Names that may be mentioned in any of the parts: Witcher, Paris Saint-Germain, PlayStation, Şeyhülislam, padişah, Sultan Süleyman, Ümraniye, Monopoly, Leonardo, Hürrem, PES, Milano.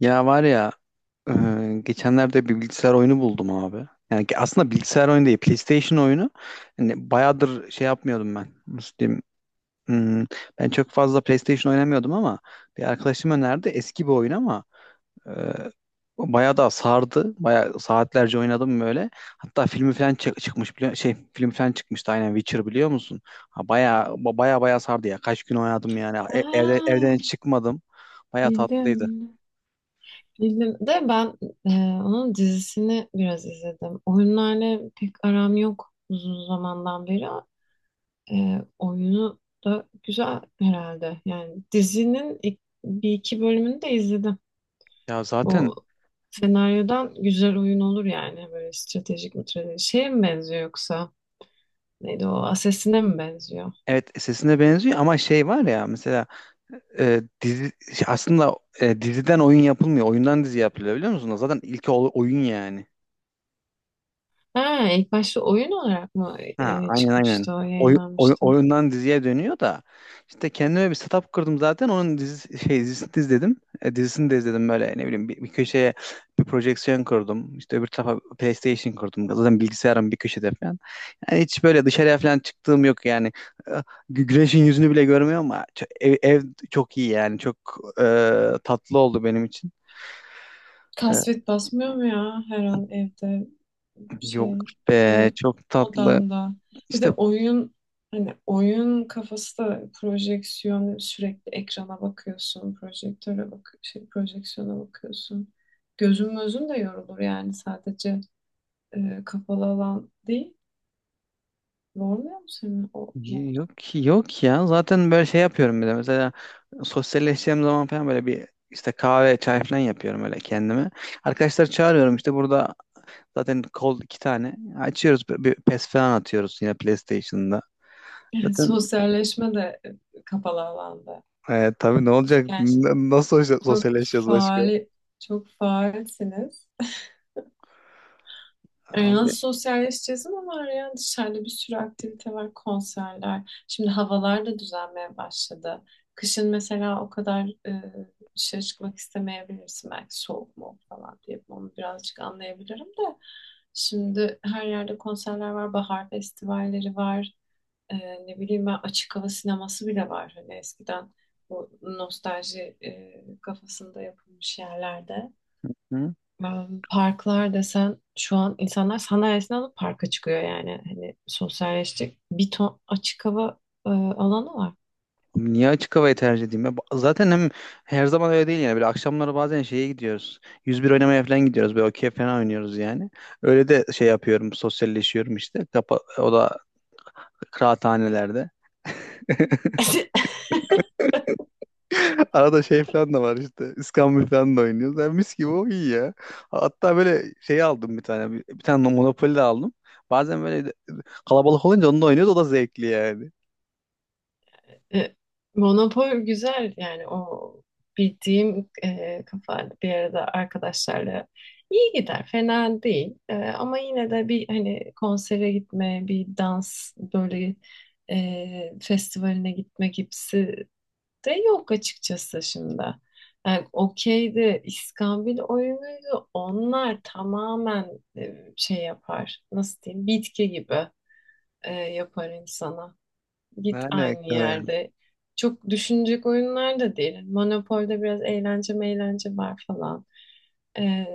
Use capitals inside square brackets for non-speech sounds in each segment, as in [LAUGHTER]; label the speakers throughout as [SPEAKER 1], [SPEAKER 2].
[SPEAKER 1] Ya var ya, geçenlerde bir bilgisayar oyunu buldum abi. Yani ki aslında bilgisayar oyunu değil PlayStation oyunu. Hani bayağıdır şey yapmıyordum ben. Nasıl diyeyim? Hmm, ben çok fazla PlayStation oynamıyordum ama bir arkadaşım önerdi. Eski bir oyun ama e, bayağı da sardı. Bayağı saatlerce oynadım böyle. Hatta filmi falan çıkmış biliyor şey film falan çıkmıştı aynen. Witcher biliyor musun? Ha, bayağı bayağı sardı ya. Kaç gün oynadım yani. Evde, evden hiç
[SPEAKER 2] Aa,
[SPEAKER 1] çıkmadım. Bayağı
[SPEAKER 2] bildim
[SPEAKER 1] tatlıydı.
[SPEAKER 2] bildim. Bildim de ben e, onun dizisini biraz izledim. Oyunlarla pek aram yok uzun zamandan beri. Oyunu da güzel herhalde. Yani dizinin bir iki bölümünü de izledim.
[SPEAKER 1] Ya zaten
[SPEAKER 2] O senaryodan güzel oyun olur yani. Böyle stratejik mi stratejik. Şeye mi benziyor yoksa? Neydi o? Assassin'e mi benziyor?
[SPEAKER 1] evet, sesine benziyor ama şey var ya, mesela dizi aslında, diziden oyun yapılmıyor. Oyundan dizi yapılıyor, biliyor musunuz? Zaten ilk oyun yani.
[SPEAKER 2] Ha, ilk başta oyun olarak mı
[SPEAKER 1] Ha, aynen aynen.
[SPEAKER 2] çıkmıştı o yayınlanmıştı?
[SPEAKER 1] Oyundan diziye dönüyor da işte kendime bir setup kırdım, zaten onun dizi, şey, dizisini de izledim. Dizisini de izledim, böyle ne bileyim bir köşeye bir projeksiyon kurdum. İşte öbür tarafa PlayStation kurdum. Zaten bilgisayarım bir köşede falan. Yani hiç böyle dışarıya falan çıktığım yok yani. E, gü- Güneşin yüzünü bile görmüyorum ama ev çok iyi yani. Çok e, tatlı oldu benim için. E,
[SPEAKER 2] Kasvet basmıyor mu ya her an evde şey
[SPEAKER 1] Yok be,
[SPEAKER 2] böyle
[SPEAKER 1] çok tatlı.
[SPEAKER 2] odanda? Bir de
[SPEAKER 1] İşte
[SPEAKER 2] oyun hani oyun kafası da projeksiyon sürekli ekrana bakıyorsun, projektöre bak şey projeksiyona bakıyorsun. Gözün gözün de yorulur yani sadece kapalı alan değil. Yormuyor mu senin o mod?
[SPEAKER 1] yok yok ya. Zaten böyle şey yapıyorum bir de. Mesela sosyalleşeceğim zaman falan böyle bir işte kahve, çay falan yapıyorum öyle kendime. Arkadaşlar çağırıyorum işte, burada zaten kol iki tane. Açıyoruz bir PES falan atıyoruz yine PlayStation'da.
[SPEAKER 2] Yani [LAUGHS]
[SPEAKER 1] Zaten
[SPEAKER 2] sosyalleşme de kapalı alanda.
[SPEAKER 1] tabii ne olacak?
[SPEAKER 2] Yani
[SPEAKER 1] Nasıl
[SPEAKER 2] çok
[SPEAKER 1] sosyalleşeceğiz başka?
[SPEAKER 2] faal çok faalsiniz.
[SPEAKER 1] Abi.
[SPEAKER 2] Nasıl sosyalleşeceğiz ama var ya dışarıda bir sürü aktivite var, konserler. Şimdi havalar da düzelmeye başladı. Kışın mesela o kadar dışarı çıkmak istemeyebilirsin. Belki soğuk mu falan diye onu birazcık anlayabilirim de. Şimdi her yerde konserler var, bahar festivalleri var. E, Ne bileyim ben açık hava sineması bile var. Hani eskiden bu nostalji kafasında yapılmış yerlerde.
[SPEAKER 1] Hı?
[SPEAKER 2] Ben parklar desen şu an insanlar sandalyesini alıp parka çıkıyor yani. Hani sosyalleşecek bir ton açık hava alanı var.
[SPEAKER 1] Niye açık havayı tercih edeyim ya? Zaten hem her zaman öyle değil yani. Böyle akşamları bazen şeye gidiyoruz. 101 oynamaya falan gidiyoruz. Böyle okey falan oynuyoruz yani. Öyle de şey yapıyorum. Sosyalleşiyorum işte. Kapa, o da kıraathanelerde.
[SPEAKER 2] [LAUGHS]
[SPEAKER 1] [LAUGHS] Arada şey falan da var işte. İskambil falan da oynuyoruz. Yani mis gibi, o iyi ya. Hatta böyle şey aldım bir tane. Bir tane Monopoly de aldım. Bazen kalabalık olunca onu da oynuyoruz. O da zevkli yani.
[SPEAKER 2] E, Monopol güzel yani o bildiğim kafa bir arada arkadaşlarla iyi gider fena değil. Ama yine de bir hani konsere gitme bir dans böyle festivaline gitme gibisi de yok açıkçası şimdi. Yani okeydi, iskambil oyunuydu. Onlar tamamen şey yapar. Nasıl diyeyim? Bitki gibi yapar insana.
[SPEAKER 1] Ne
[SPEAKER 2] Git aynı
[SPEAKER 1] alaka yani.
[SPEAKER 2] yerde. Çok düşünecek oyunlar da değil. Monopol'de biraz eğlence meğlence var falan. E,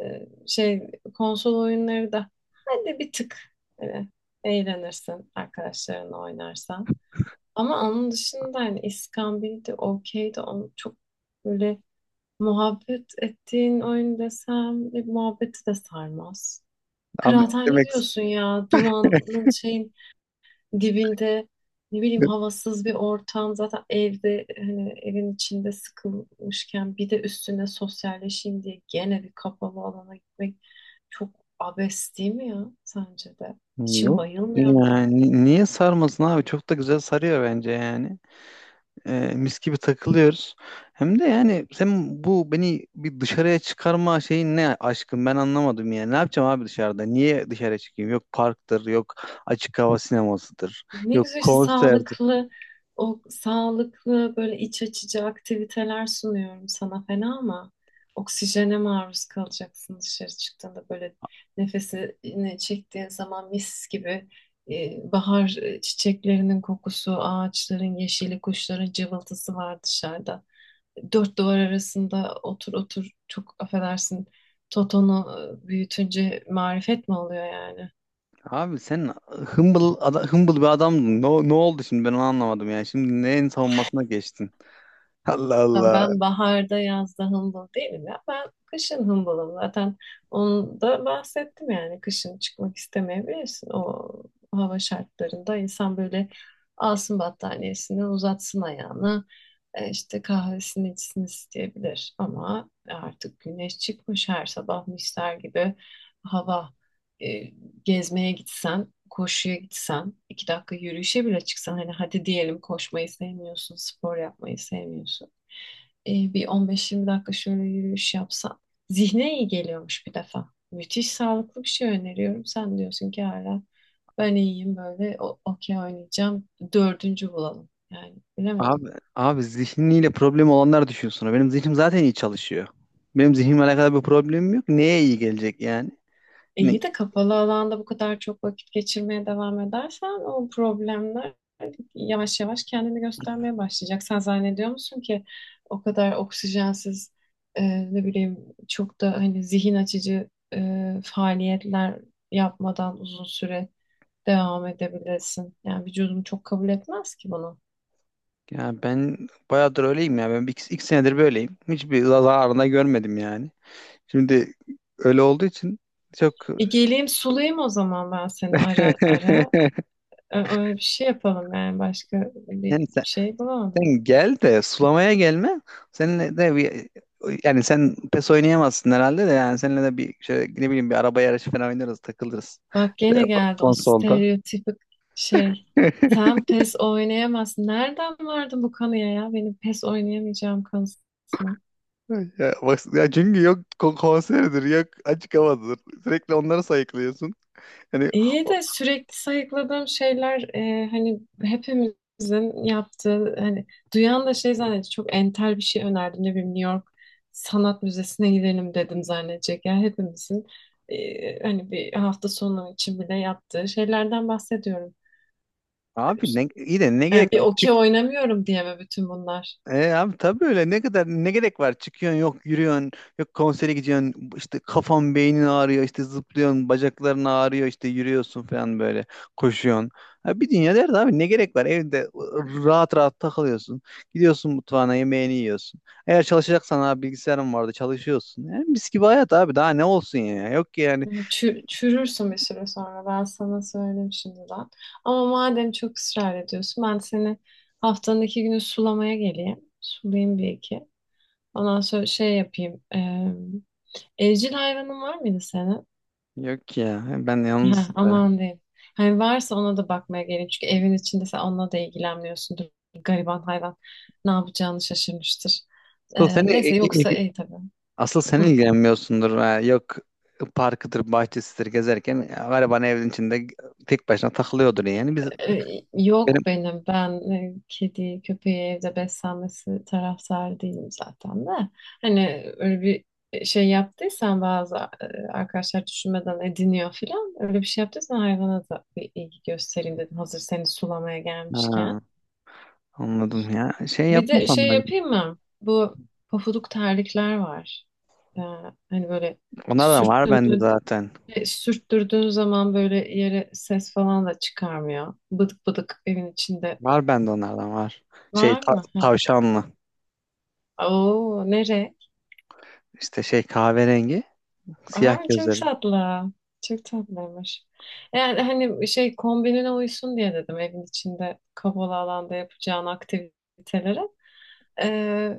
[SPEAKER 2] Şey konsol oyunları da hadi bir tık e, eğlenirsin arkadaşlarınla oynarsan. Ama onun dışında hani İskambil'di, okeydi. Onu çok böyle muhabbet ettiğin oyun desem muhabbeti de sarmaz.
[SPEAKER 1] Abi ne
[SPEAKER 2] Kıraathane
[SPEAKER 1] demek.
[SPEAKER 2] diyorsun ya
[SPEAKER 1] [LAUGHS]
[SPEAKER 2] dumanın şeyin dibinde ne bileyim havasız bir ortam, zaten evde hani evin içinde sıkılmışken bir de üstüne sosyalleşeyim diye gene bir kapalı alana gitmek çok abes değil mi ya, sence de? İçin
[SPEAKER 1] Yok.
[SPEAKER 2] bayılmıyor mu yani?
[SPEAKER 1] Yani niye sarmasın abi? Çok da güzel sarıyor bence yani. Mis gibi takılıyoruz. Hem de yani sen bu beni bir dışarıya çıkarma şeyin ne aşkım, ben anlamadım yani. Ne yapacağım abi dışarıda? Niye dışarı çıkayım? Yok parktır, yok açık hava sinemasıdır,
[SPEAKER 2] Ne
[SPEAKER 1] yok
[SPEAKER 2] güzel işte
[SPEAKER 1] konserdir.
[SPEAKER 2] sağlıklı, o sağlıklı böyle iç açıcı aktiviteler sunuyorum sana fena ama oksijene maruz kalacaksın dışarı çıktığında. Böyle nefesini çektiğin zaman mis gibi bahar çiçeklerinin kokusu, ağaçların yeşili, kuşların cıvıltısı var dışarıda. Dört duvar arasında otur otur çok affedersin Toton'u büyütünce marifet mi oluyor yani?
[SPEAKER 1] Abi sen humble ada, hımbıl bir adamdın. Ne oldu şimdi, ben onu anlamadım yani. Şimdi neyin savunmasına geçtin? [LAUGHS] Allah
[SPEAKER 2] Ben
[SPEAKER 1] Allah.
[SPEAKER 2] ben baharda yazda hımbıl değilim ya. Ben kışın hımbılım. Zaten onu da bahsettim yani. Kışın çıkmak istemeyebilirsin. O hava şartlarında insan böyle alsın battaniyesini, uzatsın ayağını. İşte kahvesini içsin isteyebilir. Ama artık güneş çıkmış her sabah misler gibi hava. E, Gezmeye gitsen, koşuya gitsen, iki dakika yürüyüşe bile çıksan. Hani hadi diyelim koşmayı sevmiyorsun, spor yapmayı sevmiyorsun. Bir 15-20 dakika şöyle yürüyüş yapsan. Zihne iyi geliyormuş bir defa. Müthiş sağlıklı bir şey öneriyorum. Sen diyorsun ki hala ben iyiyim böyle okey oynayacağım. Dördüncü bulalım. Yani
[SPEAKER 1] Abi,
[SPEAKER 2] bilemedim.
[SPEAKER 1] Abi zihniyle problem olanlar düşünsün. Benim zihnim zaten iyi çalışıyor. Benim zihnimle alakalı bir problemim yok. Neye iyi gelecek yani? Ne-
[SPEAKER 2] İyi de kapalı alanda bu kadar çok vakit geçirmeye devam edersen o problemler yavaş yavaş kendini göstermeye başlayacak. Sen zannediyor musun ki o kadar oksijensiz ne bileyim çok da hani zihin açıcı faaliyetler yapmadan uzun süre devam edebilirsin? Yani vücudum çok kabul etmez ki bunu.
[SPEAKER 1] Ya ben bayağıdır öyleyim ya. Ben iki senedir böyleyim. Hiçbir zararını da görmedim yani. Şimdi öyle olduğu için çok.
[SPEAKER 2] Geleyim sulayım o zaman ben seni
[SPEAKER 1] [LAUGHS]
[SPEAKER 2] ara ara. Öyle bir şey yapalım yani, başka bir
[SPEAKER 1] yani sen,
[SPEAKER 2] şey bulamadım.
[SPEAKER 1] Sen gel de sulamaya gelme. Seninle de bir, yani sen pes oynayamazsın herhalde de, yani seninle de bir şöyle ne bileyim bir araba yarışı falan oynarız, takılırız.
[SPEAKER 2] Bak gene
[SPEAKER 1] Böyle
[SPEAKER 2] geldi o
[SPEAKER 1] konsolda.
[SPEAKER 2] stereotipik şey.
[SPEAKER 1] [LAUGHS]
[SPEAKER 2] Sen PES oynayamazsın. Nereden vardı bu kanıya ya? Benim PES oynayamayacağım kanısına.
[SPEAKER 1] Ya, bak, ya çünkü yok konseridir, yok açık havadır. Sürekli onları sayıklıyorsun. Hani
[SPEAKER 2] İyi
[SPEAKER 1] o-
[SPEAKER 2] de sürekli sayıkladığım şeyler hani hepimizin yaptığı, hani duyan da şey zannetti. Çok entel bir şey önerdim. Ne bileyim New York Sanat Müzesi'ne gidelim dedim zannedecek. Yani hepimizin hani bir hafta sonu için bile yaptığı şeylerden bahsediyorum.
[SPEAKER 1] abi ne, iyi de ne
[SPEAKER 2] Yani
[SPEAKER 1] gerek
[SPEAKER 2] bir
[SPEAKER 1] var? Çık.
[SPEAKER 2] okey oynamıyorum diye mi bütün bunlar?
[SPEAKER 1] E, abi tabii öyle, ne kadar ne gerek var? Çıkıyorsun, yok yürüyorsun, yok konsere gidiyorsun, işte kafan beynin ağrıyor, işte zıplıyorsun, bacakların ağrıyor, işte yürüyorsun falan, böyle koşuyorsun. Ha, bir dünya derdi abi, ne gerek var? Evde rahat rahat takılıyorsun. Gidiyorsun mutfağına, yemeğini yiyorsun. Eğer çalışacaksan abi, bilgisayarın vardı, çalışıyorsun. Yani mis gibi hayat abi, daha ne olsun ya. Yok ki yani.
[SPEAKER 2] Hani çürürsün bir süre sonra, ben sana söyleyeyim şimdiden. Ama madem çok ısrar ediyorsun ben seni haftanın iki günü sulamaya geleyim. Sulayayım bir iki. Ondan sonra şey yapayım. Evcil hayvanın var mıydı senin?
[SPEAKER 1] Yok ya, ben
[SPEAKER 2] [LAUGHS] Ha,
[SPEAKER 1] yalnız böyle.
[SPEAKER 2] aman diyeyim. Hani varsa ona da bakmaya geleyim. Çünkü evin içinde sen onunla da ilgilenmiyorsundur. Gariban hayvan ne yapacağını şaşırmıştır.
[SPEAKER 1] asıl seni
[SPEAKER 2] Neyse, yoksa iyi tabii.
[SPEAKER 1] Asıl sen
[SPEAKER 2] Hı.
[SPEAKER 1] ilgilenmiyorsundur ha. Yok parkıdır bahçesidir gezerken ya, gariban evin içinde tek başına takılıyordur yani. Biz benim
[SPEAKER 2] Yok benim. Ben kedi, köpeği evde beslenmesi taraftarı değilim zaten de. Hani öyle bir şey yaptıysan bazı arkadaşlar düşünmeden ediniyor filan. Öyle bir şey yaptıysan hayvana da bir ilgi göstereyim dedim, hazır seni sulamaya gelmişken.
[SPEAKER 1] Ha, anladım ya, şey
[SPEAKER 2] Bir de
[SPEAKER 1] yapmasan
[SPEAKER 2] şey
[SPEAKER 1] da
[SPEAKER 2] yapayım mı? Bu pofuduk terlikler var. Ee, hani böyle
[SPEAKER 1] onlardan var bende
[SPEAKER 2] sürttürdüğün,
[SPEAKER 1] zaten,
[SPEAKER 2] sürttürdüğün zaman böyle yere ses falan da çıkarmıyor. Bıdık bıdık evin içinde.
[SPEAKER 1] var bende onlardan var. Şey
[SPEAKER 2] Var mı? Ha.
[SPEAKER 1] tavşanlı,
[SPEAKER 2] Oo, nere?
[SPEAKER 1] işte şey kahverengi siyah
[SPEAKER 2] Aa, çok
[SPEAKER 1] gözlerin.
[SPEAKER 2] tatlı. Çok tatlıymış. Yani hani şey kombinine uysun diye dedim evin içinde kapalı alanda yapacağın aktivitelere. Ee,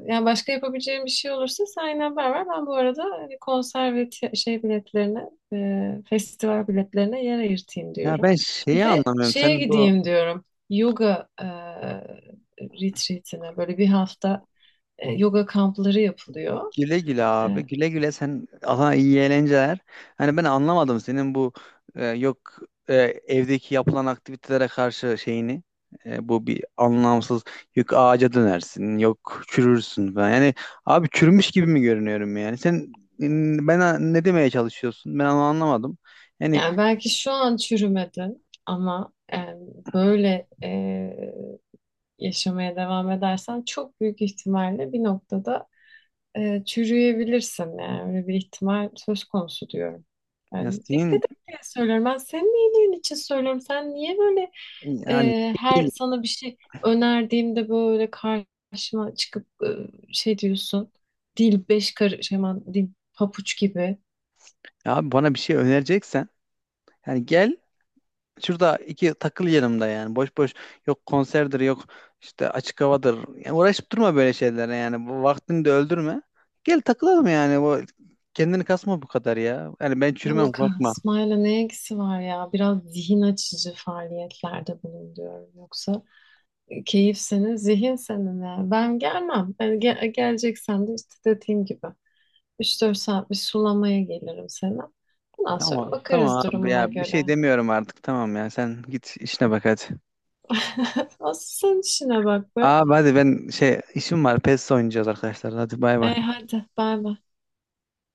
[SPEAKER 2] yani başka yapabileceğim bir şey olursa sen yine haber ver. Ben bu arada hani konser ve biletlerine, festival biletlerine yer ayırtayım
[SPEAKER 1] Ya
[SPEAKER 2] diyorum.
[SPEAKER 1] ben
[SPEAKER 2] Bir
[SPEAKER 1] şeyi
[SPEAKER 2] de
[SPEAKER 1] anlamıyorum,
[SPEAKER 2] şeye
[SPEAKER 1] sen bu
[SPEAKER 2] gideyim diyorum. Yoga retreatine, böyle bir hafta yoga kampları yapılıyor.
[SPEAKER 1] güle güle abi.
[SPEAKER 2] E,
[SPEAKER 1] Güle güle sen, Allah iyi eğlenceler. Hani ben anlamadım senin bu, e, yok e, evdeki yapılan aktivitelere karşı şeyini. E, bu bir anlamsız, yok ağaca dönersin, yok çürürsün falan. Yani abi çürümüş gibi mi görünüyorum yani? Sen ben Ne demeye çalışıyorsun? Ben onu anlamadım. Yani,
[SPEAKER 2] Yani belki şu an çürümedi ama böyle yaşamaya devam edersen çok büyük ihtimalle bir noktada çürüyebilirsin. Yani öyle bir ihtimal söz konusu diyorum.
[SPEAKER 1] ya
[SPEAKER 2] Yani dikkat
[SPEAKER 1] senin,
[SPEAKER 2] et diye söylüyorum. Ben senin iyiliğin için söylüyorum. Sen niye böyle
[SPEAKER 1] yani
[SPEAKER 2] her
[SPEAKER 1] değil.
[SPEAKER 2] sana bir şey önerdiğimde böyle karşıma çıkıp şey diyorsun? Dil beş karış, hemen dil papuç gibi.
[SPEAKER 1] Abi bana bir şey önereceksen, yani gel şurada iki takıl yanımda yani. Boş boş, yok konserdir, yok işte açık havadır. Yani uğraşıp durma böyle şeylere yani. Bu vaktini de öldürme. Gel takılalım yani. Bu kendini kasma bu kadar ya. Yani ben çürümem,
[SPEAKER 2] Luka,
[SPEAKER 1] korkma.
[SPEAKER 2] İsmail'e ne ilgisi var ya? Biraz zihin açıcı faaliyetlerde bulun diyorum. Yoksa keyif senin, zihin senin ya. Ben gelmem. Ben geleceksem de işte dediğim gibi üç dört saat bir sulamaya gelirim sana. Ondan sonra
[SPEAKER 1] Tamam tamam
[SPEAKER 2] bakarız
[SPEAKER 1] abi
[SPEAKER 2] durumuna
[SPEAKER 1] ya, bir
[SPEAKER 2] göre.
[SPEAKER 1] şey demiyorum artık. Tamam ya, sen git işine bak hadi.
[SPEAKER 2] [LAUGHS] Asıl sen işine bak be.
[SPEAKER 1] Abi hadi ben şey, işim var. PES oynayacağız arkadaşlar. Hadi bay bay.
[SPEAKER 2] Hadi bay bay.